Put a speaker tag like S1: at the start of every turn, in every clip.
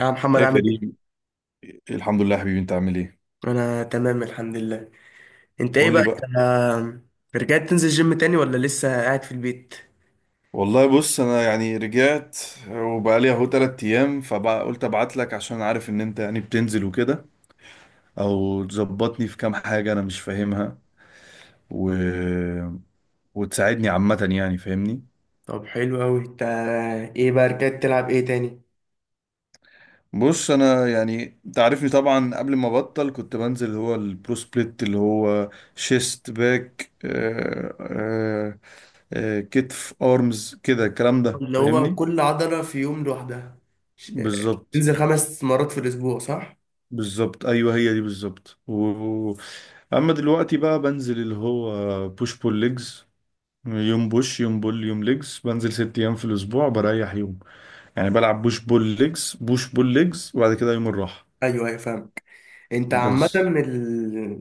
S1: يا محمد
S2: يا
S1: عامل ايه؟
S2: كريم، الحمد لله يا حبيبي. انت عامل ايه؟
S1: انا تمام الحمد لله. انت ايه
S2: قول لي
S1: بقى
S2: بقى.
S1: انت، رجعت تنزل جيم تاني ولا لسه قاعد في البيت؟
S2: والله بص، انا يعني رجعت وبقى لي اهو 3 ايام، فبقى قلت ابعت لك عشان عارف ان انت يعني بتنزل وكده، او تظبطني في كام حاجة انا مش فاهمها، و... وتساعدني عامة يعني، فاهمني.
S1: طب حلو اوي. انت ايه بقى رجعت تلعب ايه تاني؟
S2: بص انا يعني انت عارفني طبعا، قبل ما ابطل كنت بنزل هو البرو سبليت، اللي هو شيست، باك، كتف، ارمز، كده الكلام ده
S1: اللي هو
S2: فاهمني.
S1: كل عضلة في يوم لوحدها. ش-
S2: بالظبط.
S1: تنزل خمس مرات في الاسبوع صح؟
S2: بالظبط، ايوه هي دي بالظبط. و- اما دلوقتي بقى بنزل اللي هو بوش بول ليجز، يوم بوش يوم بول يوم ليجز، بنزل 6 ايام في الاسبوع بريح يوم. يعني بلعب بوش بول ليجز، بوش بول ليجز، وبعد كده يوم الراحه
S1: ايوه ايوه فاهمك. انت عامة
S2: بس.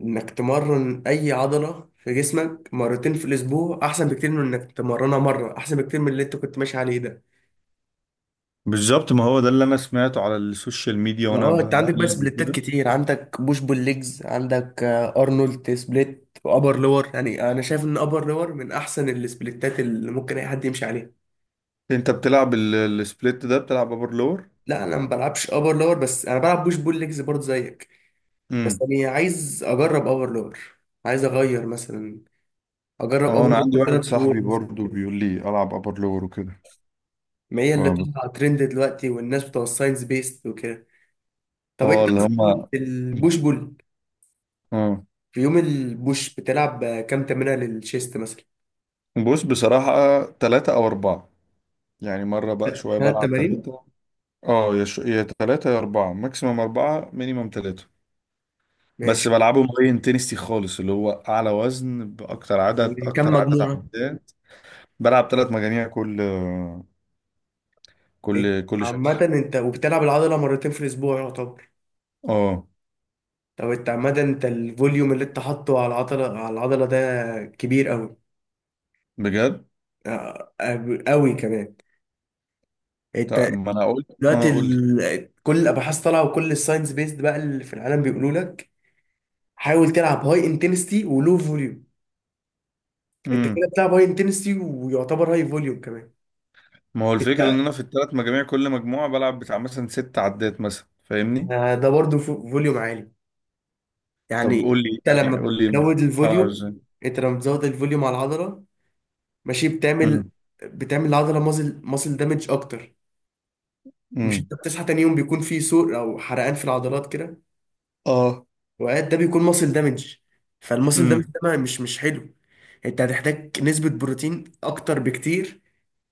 S1: انك تمرن اي عضلة في جسمك مرتين في الاسبوع احسن بكتير من انك تمرنها مرة، احسن بكتير من اللي انت كنت ماشي عليه ده.
S2: بالظبط. ما هو ده اللي انا سمعته على السوشيال ميديا
S1: ما
S2: وانا
S1: اه انت عندك بقى
S2: بقلب
S1: سبليتات
S2: وكده.
S1: كتير، عندك بوش بول ليجز، عندك ارنولد سبليت وابر لور. يعني انا شايف ان ابر لور من احسن السبليتات اللي ممكن اي حد يمشي عليها.
S2: انت بتلعب السبليت ده؟ بتلعب ابر لور؟
S1: لا انا ما بلعبش ابر لور، بس انا بلعب بوش بول ليجز برضه زيك. بس
S2: امم.
S1: انا عايز اجرب ابر لور، عايز اغير مثلا، اجرب
S2: اه،
S1: ابر
S2: انا عندي
S1: لور
S2: واحد
S1: ثلاث شهور
S2: صاحبي
S1: مثلا
S2: برضو
S1: كده.
S2: بيقول لي العب ابر لور وكده.
S1: ما هي اللي
S2: اه بس-
S1: طالعه ترند دلوقتي، والناس بتوع الساينس بيست وكده. طب انت
S2: اللي
S1: مثلاً
S2: هما،
S1: البوش بول،
S2: اه.
S1: في يوم البوش بتلعب كام تمرينه للشيست مثلا؟
S2: بص بصراحة 3 أو 4. يعني مرة بقى شوية
S1: ثلاث
S2: بلعب
S1: تمارين.
S2: 3. اه، يا تلاتة يا أربعة، ماكسيمم 4 مينيمم 3. بس
S1: ماشي.
S2: بلعبه مبين تنستي خالص، اللي هو أعلى وزن بأكتر عدد،
S1: كم
S2: أكتر عدد
S1: مجموعة؟
S2: عدات. بلعب 3 مجاميع كل
S1: إنت عامة
S2: شكل.
S1: انت وبتلعب العضلة مرتين في الأسبوع يعتبر،
S2: اه،
S1: طب انت عامة انت الفوليوم اللي انت حاطه على العضلة على العضلة ده كبير أوي،
S2: بجد.
S1: أوي كمان. انت
S2: طب ما أنا أقول. اه،
S1: دلوقتي
S2: قول لي.
S1: كل الأبحاث طالعة، وكل الساينس بيزد بقى اللي في العالم بيقولوا لك حاول تلعب هاي انتنستي ولو فوليوم. انت
S2: امم.
S1: كده بتلعب هاي انتنستي ويعتبر هاي فوليوم كمان.
S2: ما هو الفكرة إن
S1: انت
S2: أنا في التلات مجاميع كل مجموعة بلعب بتاع مثلا 6 عدات مثلا، فاهمني.
S1: ده برضه فوليوم عالي.
S2: طب
S1: يعني انت لما
S2: قول لي
S1: بتزود
S2: ألعب
S1: الفوليوم،
S2: إزاي.
S1: انت لما بتزود الفوليوم على العضلة، ماشي، بتعمل،
S2: امم.
S1: بتعمل العضله مازل دامج اكتر. مش
S2: امم.
S1: انت بتصحى تاني يوم بيكون في سوء او حرقان في العضلات كده،
S2: اه.
S1: وقاعد، ده بيكون ماسل دامج. فالماسل دامج ده
S2: امم.
S1: مش حلو. انت هتحتاج نسبه بروتين اكتر بكتير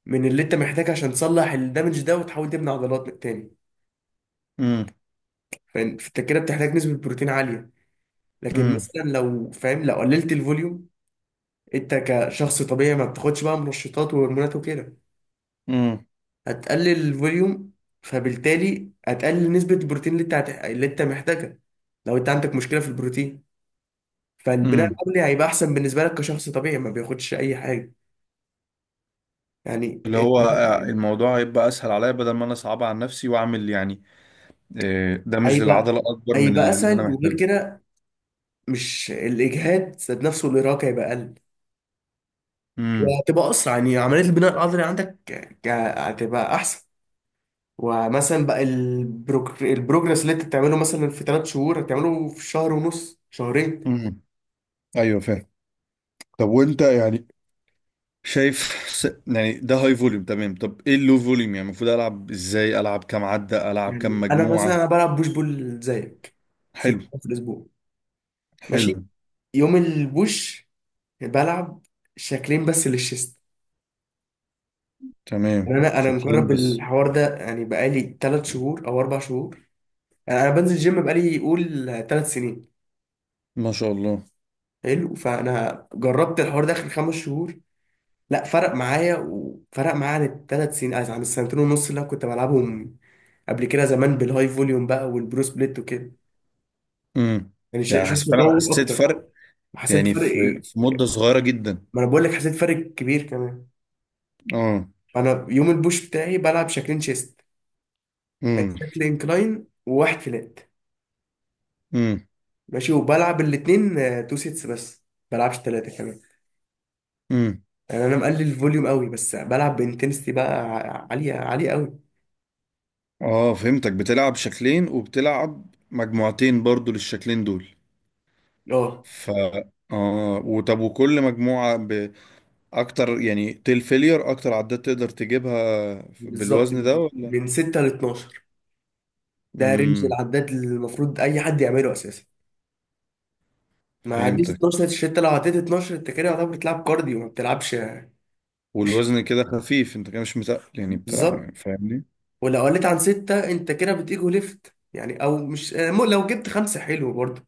S1: من اللي انت محتاج عشان تصلح الدامج ده وتحاول تبني عضلات تاني.
S2: امم.
S1: فاهم؟ فانت كده بتحتاج نسبه بروتين عاليه. لكن
S2: امم.
S1: مثلا لو فاهم، لو قللت الفوليوم، انت كشخص طبيعي ما بتاخدش بقى منشطات وهرمونات وكده،
S2: امم.
S1: هتقلل الفوليوم، فبالتالي هتقلل نسبة البروتين اللي انت اللي انت محتاجها. لو انت عندك مشكلة في البروتين، فالبناء
S2: امم.
S1: العضلي هيبقى احسن بالنسبة لك كشخص طبيعي ما بياخدش اي حاجة. يعني
S2: اللي هو الموضوع هيبقى اسهل عليا، بدل ما انا صعب على نفسي واعمل يعني دامج
S1: هيبقى،
S2: للعضله اكبر من
S1: هيبقى
S2: اللي انا
S1: اسهل. وغير
S2: محتاجه.
S1: كده، مش الاجهاد ذات نفسه، الارهاق هيبقى اقل،
S2: امم.
S1: وهتبقى اسرع يعني عملية البناء العضلي عندك. هتبقى احسن. ومثلا بقى البروجرس اللي انت بتعمله مثلا في ثلاث شهور هتعمله في شهر ونص شهرين.
S2: امم. ايوه فاهم. طب وانت يعني شايف، يعني ده هاي فوليوم تمام. طب ايه اللو فوليوم يعني، المفروض العب ازاي، العب كام عده، العب كام
S1: يعني انا مثلا،
S2: مجموعه؟
S1: انا بلعب بوش بول زيك ست
S2: حلو.
S1: أيام في الاسبوع.
S2: حلو.
S1: ماشي. يوم البوش بلعب شكلين بس للشيست. يعني
S2: تمام،
S1: انا
S2: شاكلين
S1: مجرب
S2: بس.
S1: الحوار ده يعني بقالي ثلاث شهور او اربع شهور. يعني انا بنزل جيم بقالي قول ثلاث سنين.
S2: ما شاء الله.
S1: حلو، فانا جربت الحوار ده اخر خمس شهور، لا، فرق معايا وفرق معايا عن الثلاث سنين عن السنتين ونص اللي أنا كنت بلعبهم قبل كده زمان بالهاي فوليوم بقى والبرو سبليت وكده.
S2: امم.
S1: يعني
S2: يعني
S1: شفت
S2: فعلا
S1: تطور
S2: حسيت
S1: اكتر
S2: فرق.
S1: وحسيت
S2: يعني
S1: بفرق.
S2: في مده صغيره جدا.
S1: ما انا بقول لك حسيت فرق كبير كمان.
S2: اه.
S1: انا يوم البوش بتاعي بلعب شكلين شيست. يعني
S2: امم.
S1: شكل انكلاين وواحد فلات.
S2: امم.
S1: ماشي، وبلعب الاتنين تو سيتس بس، بلعبش تلاتة كمان.
S2: امم.
S1: يعني انا مقلل الفوليوم قوي، بس بلعب بانتنستي بقى عالية عالية قوي.
S2: اه فهمتك، بتلعب شكلين وبتلعب مجموعتين برضو للشكلين دول.
S1: اه
S2: ف اه وطب، وكل مجموعة بأكتر يعني، تيل فيلير أكتر عدات تقدر تجيبها
S1: بالظبط،
S2: بالوزن
S1: من
S2: ده ولا؟
S1: من 6 ل 12. ده رينج
S2: امم،
S1: العداد اللي المفروض اي حد يعمله اساسا. ما عديش
S2: فهمتك.
S1: 12، انت لو عديت 12 انت كده يعتبر بتلعب كارديو، ما بتلعبش مش
S2: والوزن كده خفيف، انت كده مش متقل يعني،
S1: بالظبط.
S2: بتلعب، فاهمني.
S1: ولو قلت عن ستة انت كده بتيجو ليفت يعني. او مش، لو جبت خمسة حلو برضه.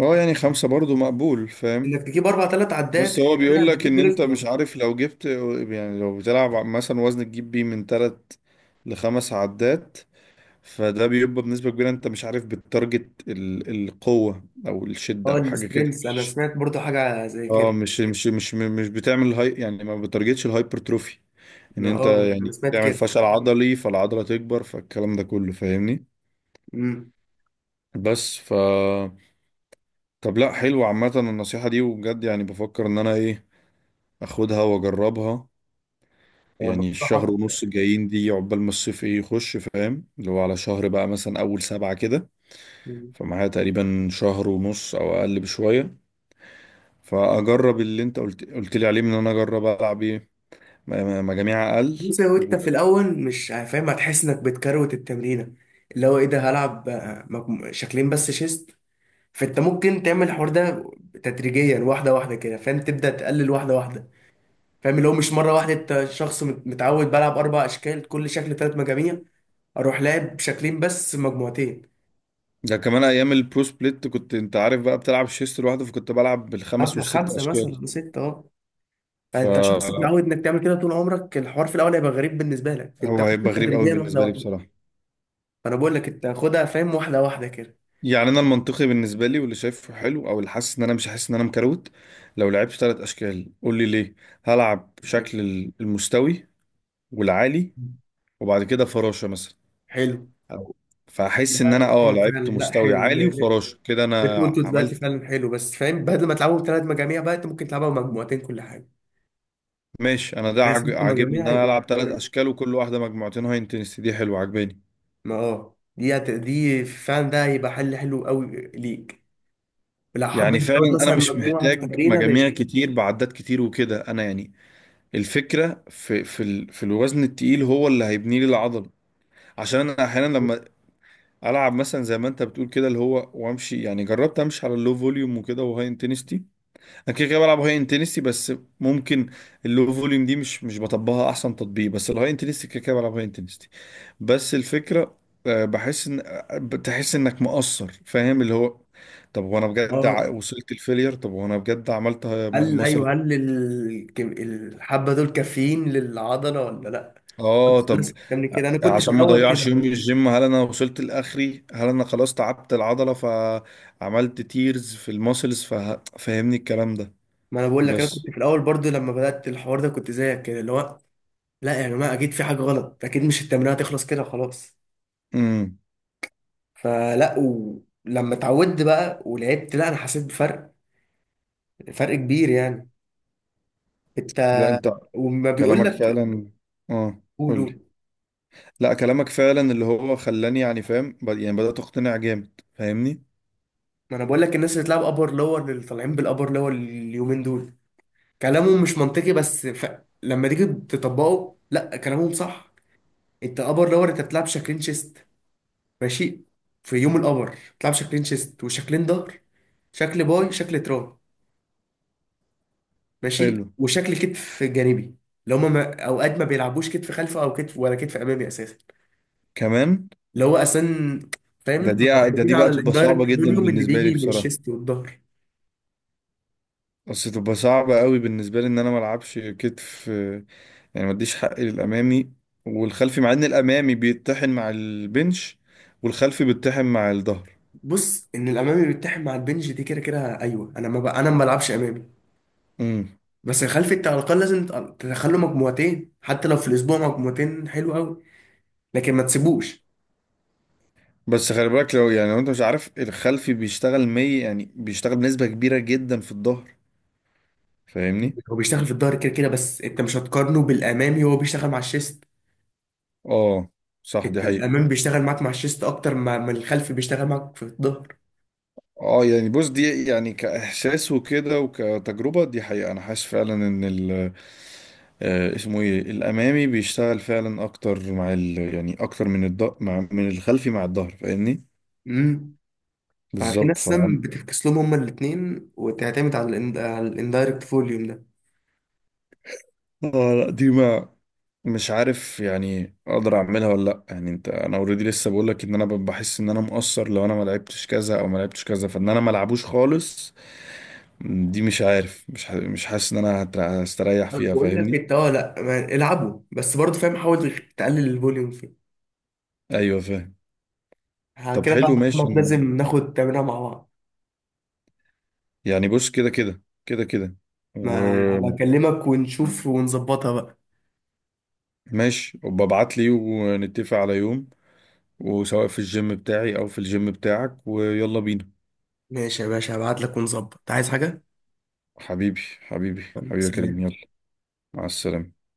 S2: اه يعني 5 برضو مقبول فاهم.
S1: انك تجيب اربع ثلاث عدات
S2: بس
S1: انت
S2: هو
S1: كده
S2: بيقول لك ان
S1: بتيجو
S2: انت
S1: ليفت
S2: مش
S1: يعني.
S2: عارف لو جبت، يعني لو بتلعب مثلا وزن تجيب بيه من 3 ل5 عدات، فده بيبقى بنسبة كبيرة انت مش عارف بالتارجت، القوة او الشدة
S1: اه
S2: او حاجة كده،
S1: السترينث، انا
S2: مش.
S1: سمعت برضه حاجة زي
S2: اه
S1: كده.
S2: مش بتعمل هاي يعني ما بتارجتش الهايبرتروفي، ان انت
S1: اه انا
S2: يعني
S1: سمعت
S2: تعمل
S1: كده.
S2: فشل عضلي فالعضلة تكبر، فالكلام ده كله فاهمني.
S1: امم.
S2: بس ف طب لا، حلو عامة النصيحة دي، وبجد يعني بفكر ان انا ايه، اخدها واجربها.
S1: يعني
S2: يعني الشهر
S1: بنصحك.
S2: ونص الجايين دي عقبال ما الصيف ايه يخش، فاهم، اللي هو على شهر بقى مثلا اول سبعة كده.
S1: مم.
S2: فمعايا تقريبا شهر ونص او اقل بشوية. فاجرب اللي انت قلت لي عليه، من ان انا اجرب العب ايه، م- مجاميع اقل
S1: بص هو انت
S2: وده.
S1: في الاول مش فاهم هتحس انك بتكروت التمرينة. اللي هو ايه ده، هلعب شكلين بس شيست. فانت ممكن تعمل الحوار ده تدريجيا، واحدة واحدة كده، فاهم، تبدأ تقلل واحدة واحدة. فاهم، اللي هو مش مره واحده. انت شخص متعود بلعب اربع اشكال كل شكل ثلاث مجاميع، اروح لاعب شكلين بس مجموعتين،
S2: كمان ايام البرو سبليت كنت انت عارف بقى بتلعب شيست لوحده، فكنت بلعب بالخمس
S1: ابلغ
S2: والست
S1: خمسه مثلا
S2: اشكال.
S1: ولا سته، اه. فانت شخص
S2: فهو
S1: متعود انك تعمل كده طول عمرك، الحوار في الاول هيبقى غريب بالنسبه لك، انت خدها
S2: هيبقى غريب قوي
S1: تدريجيا واحده
S2: بالنسبه لي
S1: واحده.
S2: بصراحه.
S1: فانا بقول لك انت خدها، فاهم، واحده واحده كده.
S2: يعني انا المنطقي بالنسبه لي واللي شايفه حلو، او اللي حاسس ان انا مش حاسس ان انا مكروت، لو لعبت 3 اشكال، قول لي ليه، هلعب
S1: أوكي.
S2: شكل المستوي والعالي وبعد كده فراشه مثلا
S1: حلو.
S2: أو-
S1: لا،
S2: فاحس ان انا
S1: ايوه فعلا.
S2: لعبت
S1: لا
S2: مستوي
S1: حلو. لا،
S2: عالي
S1: لا.
S2: وفراشه كده
S1: اللي
S2: انا
S1: انت قلته دلوقتي
S2: عملت.
S1: فعلا حلو، بس فاهم، بدل ما تلعبوا ثلاث مجاميع بقى انت ممكن تلعبها مجموعتين كل حاجه،
S2: ماشي، انا ده
S1: بس ست
S2: عاجبني
S1: مجاميع
S2: ان انا
S1: هيبقوا.
S2: العب 3 اشكال وكل واحده مجموعتين. هاي انتنسيتي دي حلوه عاجباني.
S1: ما اه دي فعلا، ده هيبقى حلو قوي ليك. لو
S2: يعني
S1: حبيت تزود
S2: فعلا انا
S1: مثلا
S2: مش
S1: مجموعه في
S2: محتاج
S1: تمرينه
S2: مجاميع
S1: ماشي.
S2: كتير بعدات كتير وكده، انا يعني الفكره في الوزن التقيل هو اللي هيبني لي العضله. عشان انا احيانا لما العب مثلا زي ما انت بتقول كده، اللي هو وامشي يعني، جربت امشي على اللو فوليوم وكده وهاي انتنسيتي، انا كده كده بلعب هاي انتنسي بس. ممكن اللو فوليوم دي مش بطبقها احسن تطبيق، بس الهاي انتنسي كده كده بلعب هاي انتنسي. بس الفكره، بحس ان بتحس انك مقصر، فاهم اللي هو. طب وانا بجد
S1: اه
S2: وصلت الفيلير؟ طب وانا بجد عملت
S1: هل
S2: مثلا
S1: ايوه، هل الحبه دول كافيين للعضله ولا لا؟
S2: اه،
S1: كنت
S2: طب
S1: الناس بتعمل
S2: ع-
S1: كده، انا كنت في
S2: عشان ما
S1: الاول كده
S2: اضيعش يومي
S1: برضه.
S2: الجيم، هل انا وصلت لاخري؟ هل انا خلاص تعبت العضله فعملت تيرز في الماسلز؟ فاهمني الكلام ده
S1: ما انا بقول لك، انا كنت
S2: بس.
S1: في الاول برضو لما بدات الحوار ده كنت زيك كده. اللي هو لا يا جماعه اكيد في حاجه غلط، اكيد مش التمرينه هتخلص كده خلاص.
S2: امم.
S1: فلا، ولما اتعودت بقى ولعبت، لا انا حسيت بفرق، فرق كبير يعني. انت،
S2: لا، انت
S1: وما بيقول
S2: كلامك
S1: لك،
S2: فعلا. اه،
S1: قول
S2: قولي.
S1: قول.
S2: لا كلامك فعلا اللي هو خلاني يعني فاهم، يعني بدأت اقتنع جامد فاهمني.
S1: ما انا بقول لك الناس اللي بتلعب ابر لور، اللي طالعين بالابر لور اليومين دول، كلامهم مش منطقي بس لما تيجي تطبقه لا كلامهم صح. انت ابر لور انت بتلعب شكلين شيست. ماشي. في يوم الابر بتلعب شكلين شيست وشكلين ظهر، شكل باي شكل تراي، ماشي،
S2: حلو.
S1: وشكل كتف جانبي. اللي هما ما... اوقات ما بيلعبوش كتف خلفي او كتف، ولا كتف امامي اساسا.
S2: كمان
S1: اللي هو اساسا،
S2: ده
S1: فاهم،
S2: دي ده
S1: معتمدين
S2: دي
S1: على
S2: بقى تبقى صعبة
S1: الاندايركت
S2: جدا
S1: فوليوم اللي
S2: بالنسبة لي
S1: بيجي من
S2: بصراحة.
S1: الشيست والظهر.
S2: بس تبقى صعبة قوي بالنسبة لي ان انا ما العبش كتف، يعني ما اديش حقي للامامي والخلفي، مع ان الامامي بيتطحن مع البنش والخلفي بيتطحن مع الظهر.
S1: بص ان الامامي بيتحد مع البنج دي كده كده، ايوه انا ما بقى انا ما بلعبش امامي.
S2: امم.
S1: بس الخلفي انت على الاقل لازم تدخله مجموعتين، حتى لو في الاسبوع مجموعتين حلو قوي، لكن ما تسيبوش.
S2: بس خلي بالك لو، يعني لو انت مش عارف، الخلفي بيشتغل 100 يعني، بيشتغل بنسبة كبيرة جدا في الظهر، فاهمني.
S1: هو بيشتغل في الظهر كده كده، بس انت مش هتقارنه بالامامي وهو بيشتغل مع الشيست.
S2: اه صح، دي
S1: انت
S2: حقيقة.
S1: الامامي بيشتغل معاك مع الشيست اكتر ما الخلفي بيشتغل معاك في الظهر.
S2: اه يعني بص، دي يعني كإحساس وكده وكتجربة، دي حقيقة. أنا حاسس فعلا إن ال آه، اسمه ايه، الأمامي بيشتغل فعلا أكتر مع ال يعني، أكتر من الض مع من الخلفي مع الظهر، فاهمني.
S1: امم. ففي ناس
S2: بالظبط
S1: سم
S2: فاهم.
S1: بتفكس لهم هما الاثنين وتعتمد على ال على الاندايركت فوليوم ده.
S2: اه لا، دي مع، مش عارف يعني اقدر اعملها ولا لا، يعني انت، انا اوريدي لسه بقول لك ان انا بحس ان انا مقصر لو انا ما لعبتش كذا او ما لعبتش كذا، فان انا ما العبوش خالص. دي مش عارف، مش حاسس ان انا هستريح فيها،
S1: بقول لك
S2: فاهمني.
S1: انت اه لا، العبوا بس برضه، فاهم، حاول تقلل الفوليوم.
S2: ايوه فاهم.
S1: ها
S2: طب
S1: كده
S2: حلو
S1: بقى
S2: ماشي،
S1: خلاص،
S2: انا
S1: لازم ناخد تمرينها مع بعض.
S2: يعني بص كده كده كده كده
S1: ما ابقى
S2: وماشي،
S1: اكلمك ونشوف ونظبطها بقى.
S2: وببعت لي ونتفق على يوم، وسواء في الجيم بتاعي او في الجيم بتاعك، ويلا بينا.
S1: ماشي يا باشا، هبعت لك ونظبط، عايز حاجة.
S2: حبيبي حبيبي حبيبي يا كريم،
S1: سلام.
S2: يلا. مع السلامة.